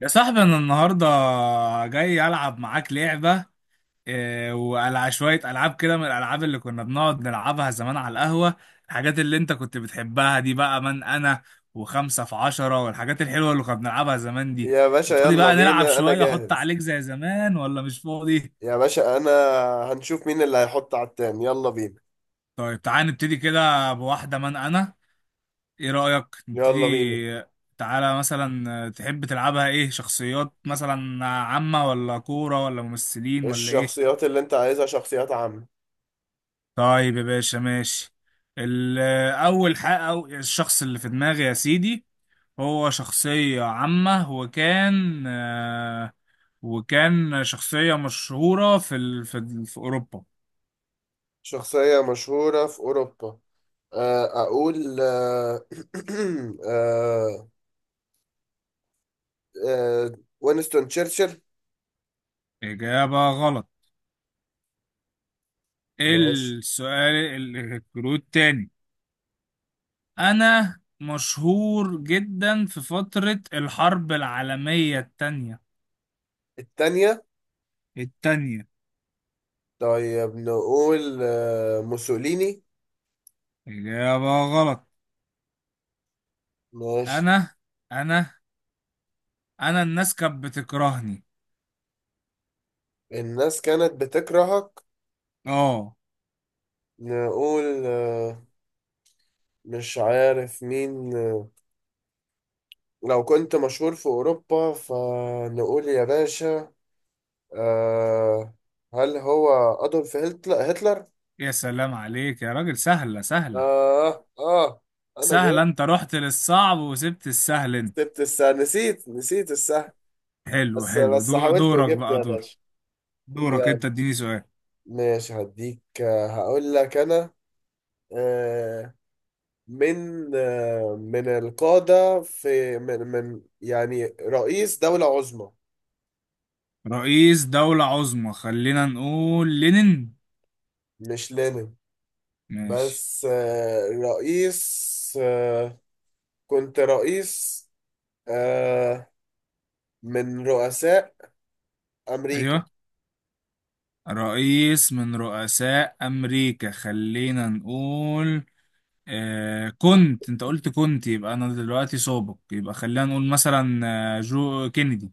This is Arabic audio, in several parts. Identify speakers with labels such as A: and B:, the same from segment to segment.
A: يا صاحبي انا النهارده جاي العب معاك لعبه والعب شويه العاب كده من الالعاب اللي كنا بنقعد نلعبها زمان على القهوه. الحاجات اللي انت كنت بتحبها دي بقى من انا وخمسة في عشرة والحاجات الحلوه اللي كنا بنلعبها زمان دي.
B: يا باشا
A: فاضي
B: يلا
A: بقى نلعب
B: بينا انا
A: شويه احط
B: جاهز.
A: عليك زي زمان ولا مش فاضي؟
B: يا باشا هنشوف مين اللي هيحط على التاني، يلا بينا
A: طيب تعالى نبتدي كده بواحده من انا. ايه رايك نبتدي؟
B: يلا بينا.
A: تعالى مثلا تحب تلعبها ايه، شخصيات مثلا عامه ولا كوره ولا ممثلين ولا ايه؟
B: الشخصيات اللي انت عايزها شخصيات عامة.
A: طيب يا باشا ماشي. ال- أول حق أو الشخص اللي في دماغي يا سيدي هو شخصية عامة، وكان وكان شخصية مشهورة في أوروبا.
B: شخصية مشهورة في اوروبا. آه، اقول آه، آه، آه، وينستون تشرشل.
A: إجابة غلط.
B: ماشي.
A: السؤال الكلود تاني. أنا مشهور جدا في فترة الحرب العالمية التانية.
B: التانية.
A: التانية.
B: طيب نقول موسوليني.
A: إجابة غلط.
B: ماشي.
A: أنا أنا أنا الناس كانت بتكرهني.
B: الناس كانت بتكرهك.
A: اه.
B: نقول مش عارف مين. لو كنت مشهور في أوروبا فنقول يا باشا. آه هل هو أدولف هتلر؟ هتلر؟
A: يا سلام عليك يا راجل، سهلة.
B: آه آه أنا
A: سهلة،
B: جبت.
A: انت رحت للصعب وسبت السهل انت.
B: جبت الساعة، نسيت الساعة.
A: حلو حلو،
B: بس حاولت
A: دورك
B: وجبت
A: بقى،
B: يا
A: دور
B: باشا.
A: دورك
B: يلا
A: انت، اديني سؤال.
B: ماشي، هديك هقول لك أنا آه من القادة، في من من يعني رئيس دولة عظمى.
A: رئيس دولة عظمى؟ خلينا نقول لينين.
B: مش لينين.
A: ماشي.
B: بس رئيس كنت رئيس، آه من رؤساء أمريكا.
A: ايوه، رئيس من رؤساء امريكا. خلينا نقول، آه، كنت انت قلت كنت، يبقى انا دلوقتي سابق، يبقى خلينا نقول مثلا جو كينيدي.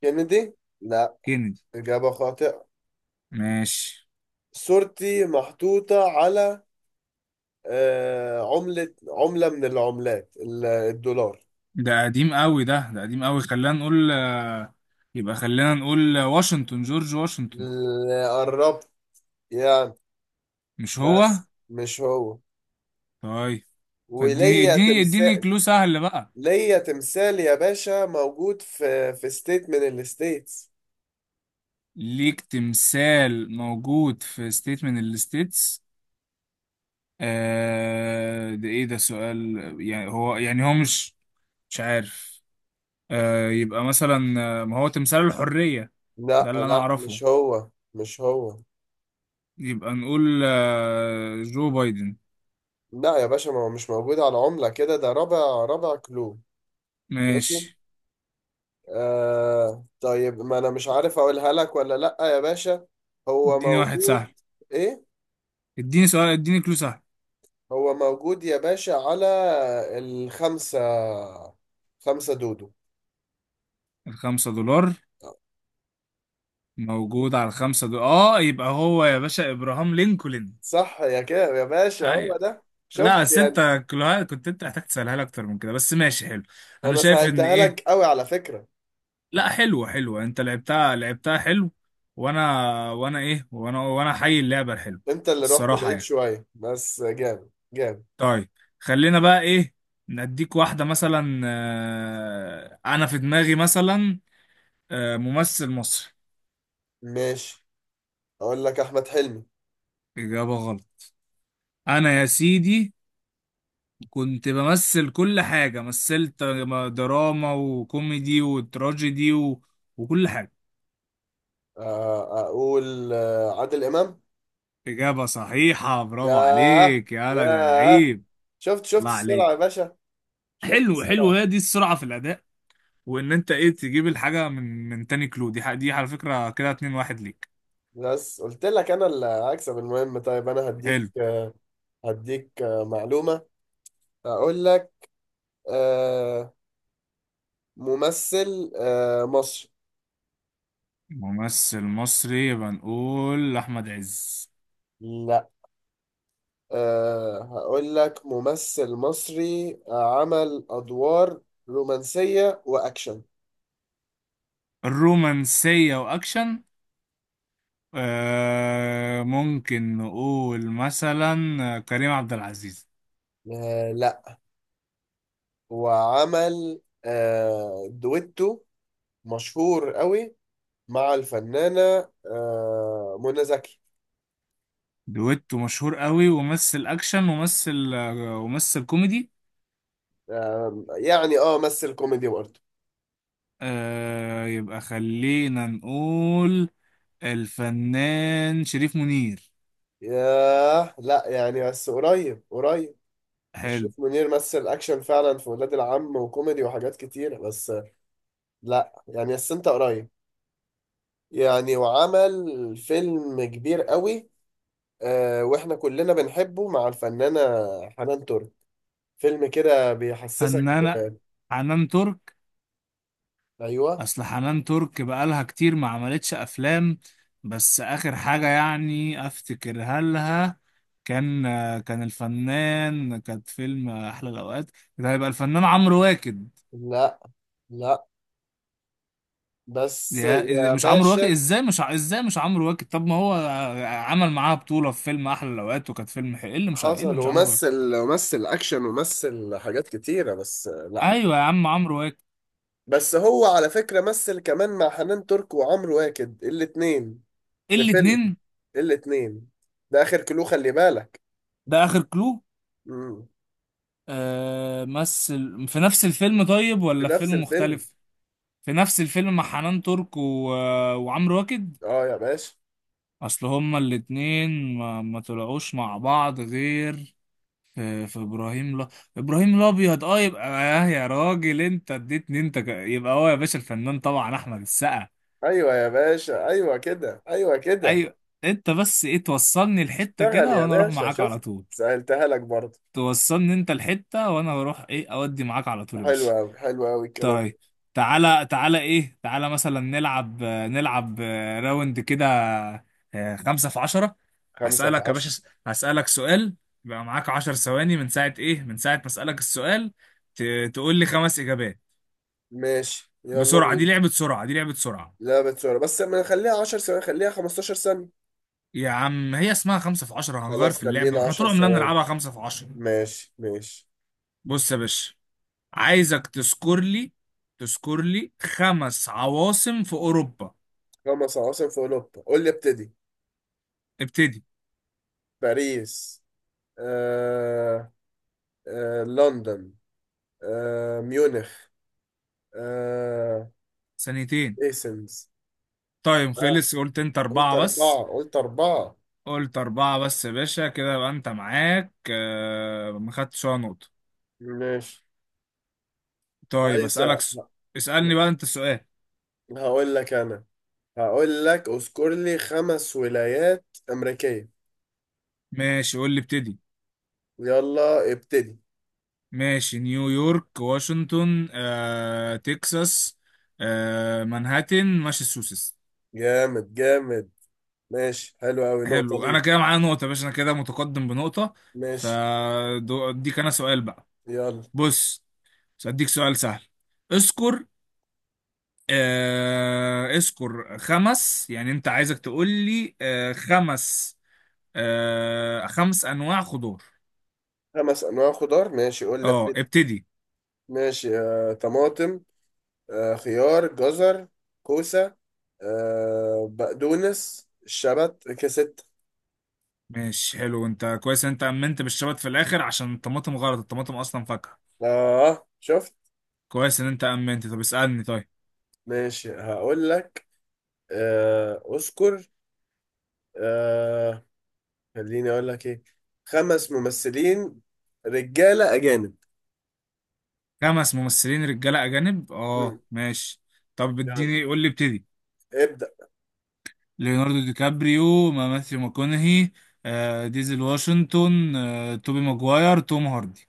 B: كينيدي لا،
A: كينيدي.
B: إجابة خاطئة.
A: ماشي.
B: صورتي محطوطة على عملة، من العملات الدولار.
A: ده قديم قوي، ده قديم قوي. خلينا نقول يبقى خلينا نقول، واشنطن، جورج واشنطن.
B: اللي قربت يعني،
A: مش هو؟
B: بس مش هو.
A: طيب. اديني
B: وليا
A: اديني اديني
B: تمثال.
A: كلو سهل بقى.
B: ليا تمثال يا باشا، موجود في ستيت من الستيتس.
A: ليك تمثال موجود في ستيت من الستيتس؟ آه، ده ايه ده سؤال؟ يعني هو، يعني هو مش، مش عارف. آه، يبقى مثلا ما هو تمثال الحرية؟ ده
B: لا
A: اللي انا
B: لا،
A: اعرفه.
B: مش هو مش هو.
A: يبقى نقول آه، جو بايدن.
B: لا يا باشا، ما هو مش موجود على عملة كده، ده رابع، رابع كلو. ماشي.
A: ماشي.
B: طيب ما انا مش عارف اقولها لك ولا لا يا باشا. هو
A: اديني واحد سهل،
B: موجود. ايه،
A: اديني سؤال، اديني كلو سهل.
B: هو موجود يا باشا على الخمسة، خمسة دودو.
A: الخمسة دولار؟ موجود على الخمسة دولار. اه، يبقى هو يا باشا ابراهام لينكولن.
B: صح يا كده يا باشا، هو
A: ايوه.
B: ده. شفت
A: لا،
B: يعني.
A: ستة كلوهات كنت انت محتاج تسألها لي، اكتر من كده، بس ماشي حلو. انا
B: انا
A: شايف ان
B: سهلتها
A: ايه،
B: لك قوي على فكرة.
A: لا حلوة حلوة، انت لعبتها لعبتها حلو. وانا وانا ايه وانا وانا حي اللعبة الحلوة،
B: انت اللي رحت
A: الصراحة
B: بعيد
A: يعني.
B: شوية، بس جامد جامد.
A: طيب، خلينا بقى ايه، نديك واحدة مثلا، انا في دماغي مثلا ممثل مصري.
B: ماشي. اقول لك احمد حلمي.
A: اجابة غلط. انا يا سيدي كنت بمثل كل حاجة، مثلت دراما وكوميدي وتراجيدي و... وكل حاجة.
B: اقول عادل امام.
A: إجابة صحيحة، برافو
B: ياه
A: عليك يا ولد يا
B: ياه،
A: لعيب.
B: شفت شفت
A: الله
B: السرعة يا
A: عليك.
B: باشا. شفت
A: حلو حلو،
B: الصراحة.
A: هي دي السرعة في الأداء. وإن أنت إيه، تجيب الحاجة من تاني كلو دي، دي على فكرة كده 2-1 ليك.
B: بس قلت لك انا اللي هكسب. المهم، طيب انا هديك
A: حلو.
B: معلومة. اقول لك آه، ممثل مصري.
A: ممثل مصري، يبقى نقول أحمد عز.
B: لا. هقول لك ممثل مصري عمل ادوار رومانسية واكشن.
A: الرومانسية وأكشن؟ آه، ممكن نقول مثلا كريم عبد العزيز.
B: لا. وعمل دويتو مشهور قوي مع الفنانة منى زكي.
A: دويتو مشهور قوي وممثل اكشن وممثل وممثل كوميدي.
B: يعني اه مثل كوميدي برضه.
A: آه، يبقى خلينا نقول الفنان شريف منير.
B: ياه لا، يعني بس قريب قريب.
A: حلو.
B: أشرف منير مثل أكشن فعلا في ولاد العم، وكوميدي وحاجات كتير، بس لا يعني، بس أنت قريب يعني. وعمل فيلم كبير قوي، وإحنا كلنا بنحبه، مع الفنانة حنان ترك. فيلم كده بيحسسك
A: فنانة.
B: ب-
A: حنان ترك.
B: أيوه.
A: اصل حنان ترك بقالها كتير ما عملتش افلام، بس اخر حاجة يعني افتكرها لها كان، آه، كان الفنان كانت فيلم احلى الاوقات. ده هيبقى الفنان عمرو واكد.
B: لا لا، بس يا
A: مش عمرو واكد؟
B: باشا
A: ازاي مش ازاي مش عمرو واكد؟ طب ما هو عمل معاها بطولة في فيلم احلى الاوقات وكانت فيلم حلو. ايه اللي مش ايه اللي
B: حصل
A: مش عمرو واكد؟
B: ومثل، أكشن ومثل حاجات كتيرة، بس.
A: ايوه يا عم، عمرو واكد.
B: بس هو على فكرة مثل كمان مع حنان ترك وعمرو واكد الاتنين، في فيلم
A: الاتنين.
B: الاتنين. ده آخر كلو، خلي بالك.
A: ده اخر كلو.
B: مم.
A: آه، مثل في نفس الفيلم، طيب،
B: في
A: ولا في
B: نفس
A: فيلم
B: الفيلم.
A: مختلف؟ في نفس الفيلم مع حنان ترك و... وعمرو واكد.
B: اه يا باشا.
A: اصل هما الاتنين ما... ما طلعوش مع بعض غير في، في ابراهيم، لا، ابراهيم الابيض. اه، يبقى آه، يا راجل انت اديتني، انت يبقى هو يا باشا الفنان طبعا احمد السقا.
B: ايوه يا باشا، ايوه كده ايوه كده.
A: ايوه. انت بس ايه، توصلني الحته
B: اشتغل
A: كده
B: يا
A: وانا اروح
B: باشا،
A: معاك على
B: شفت.
A: طول.
B: سألتها لك برضه.
A: توصلني انت الحته وانا اروح ايه، اودي معاك على طول يا
B: حلو
A: باشا.
B: قوي حلو قوي الكلام ده.
A: طيب. تعالى مثلا نلعب راوند كده، خمسة في عشرة.
B: خمسة في
A: هسألك يا
B: عشرة.
A: باشا، هسألك سؤال، يبقى معاك عشر ثواني من ساعة ايه، من ساعة ما أسألك السؤال ت... تقول لي خمس إجابات
B: ماشي، يلا
A: بسرعة. دي
B: بينا.
A: لعبة سرعة، دي لعبة سرعة.
B: لعبة صورة، بس ما نخليها 10 ثواني، خليها 15 ثانية.
A: يا عم هي اسمها خمسة في عشرة، هنغير
B: خلاص،
A: في اللعبة؟ ما
B: خلينا
A: احنا
B: 10
A: طول عمرنا
B: ثواني.
A: بنلعبها خمسة في عشرة.
B: ماشي ماشي.
A: بص يا باشا، عايزك تذكر لي، تذكر لي خمس عواصم في أوروبا.
B: خمس عواصم في أوروبا، قول لي ابتدي.
A: ابتدي.
B: باريس. آه لندن. ميونخ. آه
A: ثانيتين.
B: ايسنز.
A: طيب
B: آه
A: خلص، قلت انت
B: قلت
A: اربعة بس.
B: أربعة، قلت أربعة.
A: قلت اربعة بس يا باشا، كده بقى انت معاك آه، ما خدتش ولا نقطة.
B: ماشي.
A: طيب اسألك
B: عايزة.
A: اسألني بقى انت السؤال.
B: هقول لك أنا، هقول لك اذكر لي خمس ولايات أمريكية.
A: ماشي قول لي ابتدي.
B: يلا ابتدي.
A: ماشي. نيويورك، واشنطن، آه، تكساس، آه، مانهاتن، ماساتشوستس.
B: جامد جامد. ماشي حلو أوي، نقطة
A: حلو، انا
B: ليه.
A: كده معايا نقطة يا باشا، انا كده متقدم بنقطة.
B: ماشي
A: فاديك انا سؤال بقى.
B: يلا.
A: بص، بس اديك سؤال سهل. اذكر، آه اذكر خمس، يعني انت عايزك تقول لي آه خمس، آه خمس انواع خضار.
B: خمس أنواع خضار. ماشي قول لي
A: اه
B: ابتدي.
A: ابتدي.
B: ماشي طماطم، خيار، جزر، كوسة، بقدونس، شبت، كست.
A: ماشي حلو. انت كويس ان انت امنت بالشبت في الاخر، عشان الطماطم غلط، الطماطم اصلا فاكهة.
B: اه شفت.
A: كويس ان انت امنت. طب اسألني طيب.
B: ماشي، هقول لك اذكر آه خليني اقول لك ايه. خمس ممثلين رجالة اجانب.
A: خمس ممثلين رجالة اجانب،
B: مم.
A: اه ماشي. طب
B: يلا
A: اديني، قول لي ابتدي.
B: ابدأ.
A: ليوناردو دي كابريو، ماثيو ماكونهي، آه، ديزل واشنطن، آه، توبي ماجواير، توم هاردي.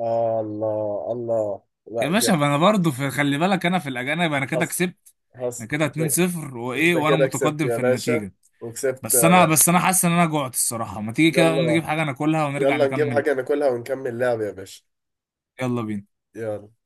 B: الله الله، لا
A: يا باشا
B: جامد.
A: ما انا برضه في، خلي بالك انا في الاجانب، انا كده
B: حصل
A: كسبت. انا
B: حصل
A: كده
B: انت.
A: 2-0 وايه،
B: أنت
A: وانا
B: كده كسبت
A: متقدم
B: يا
A: في
B: باشا،
A: النتيجه.
B: وكسبت
A: بس انا، بس انا حاسس ان انا جوعت الصراحه، ما تيجي كده نقوم نجيب
B: يلا.
A: حاجه ناكلها ونرجع
B: يلا نجيب
A: نكمل؟
B: حاجة ناكلها ونكمل لعب يا باشا.
A: يلا بينا.
B: يلا.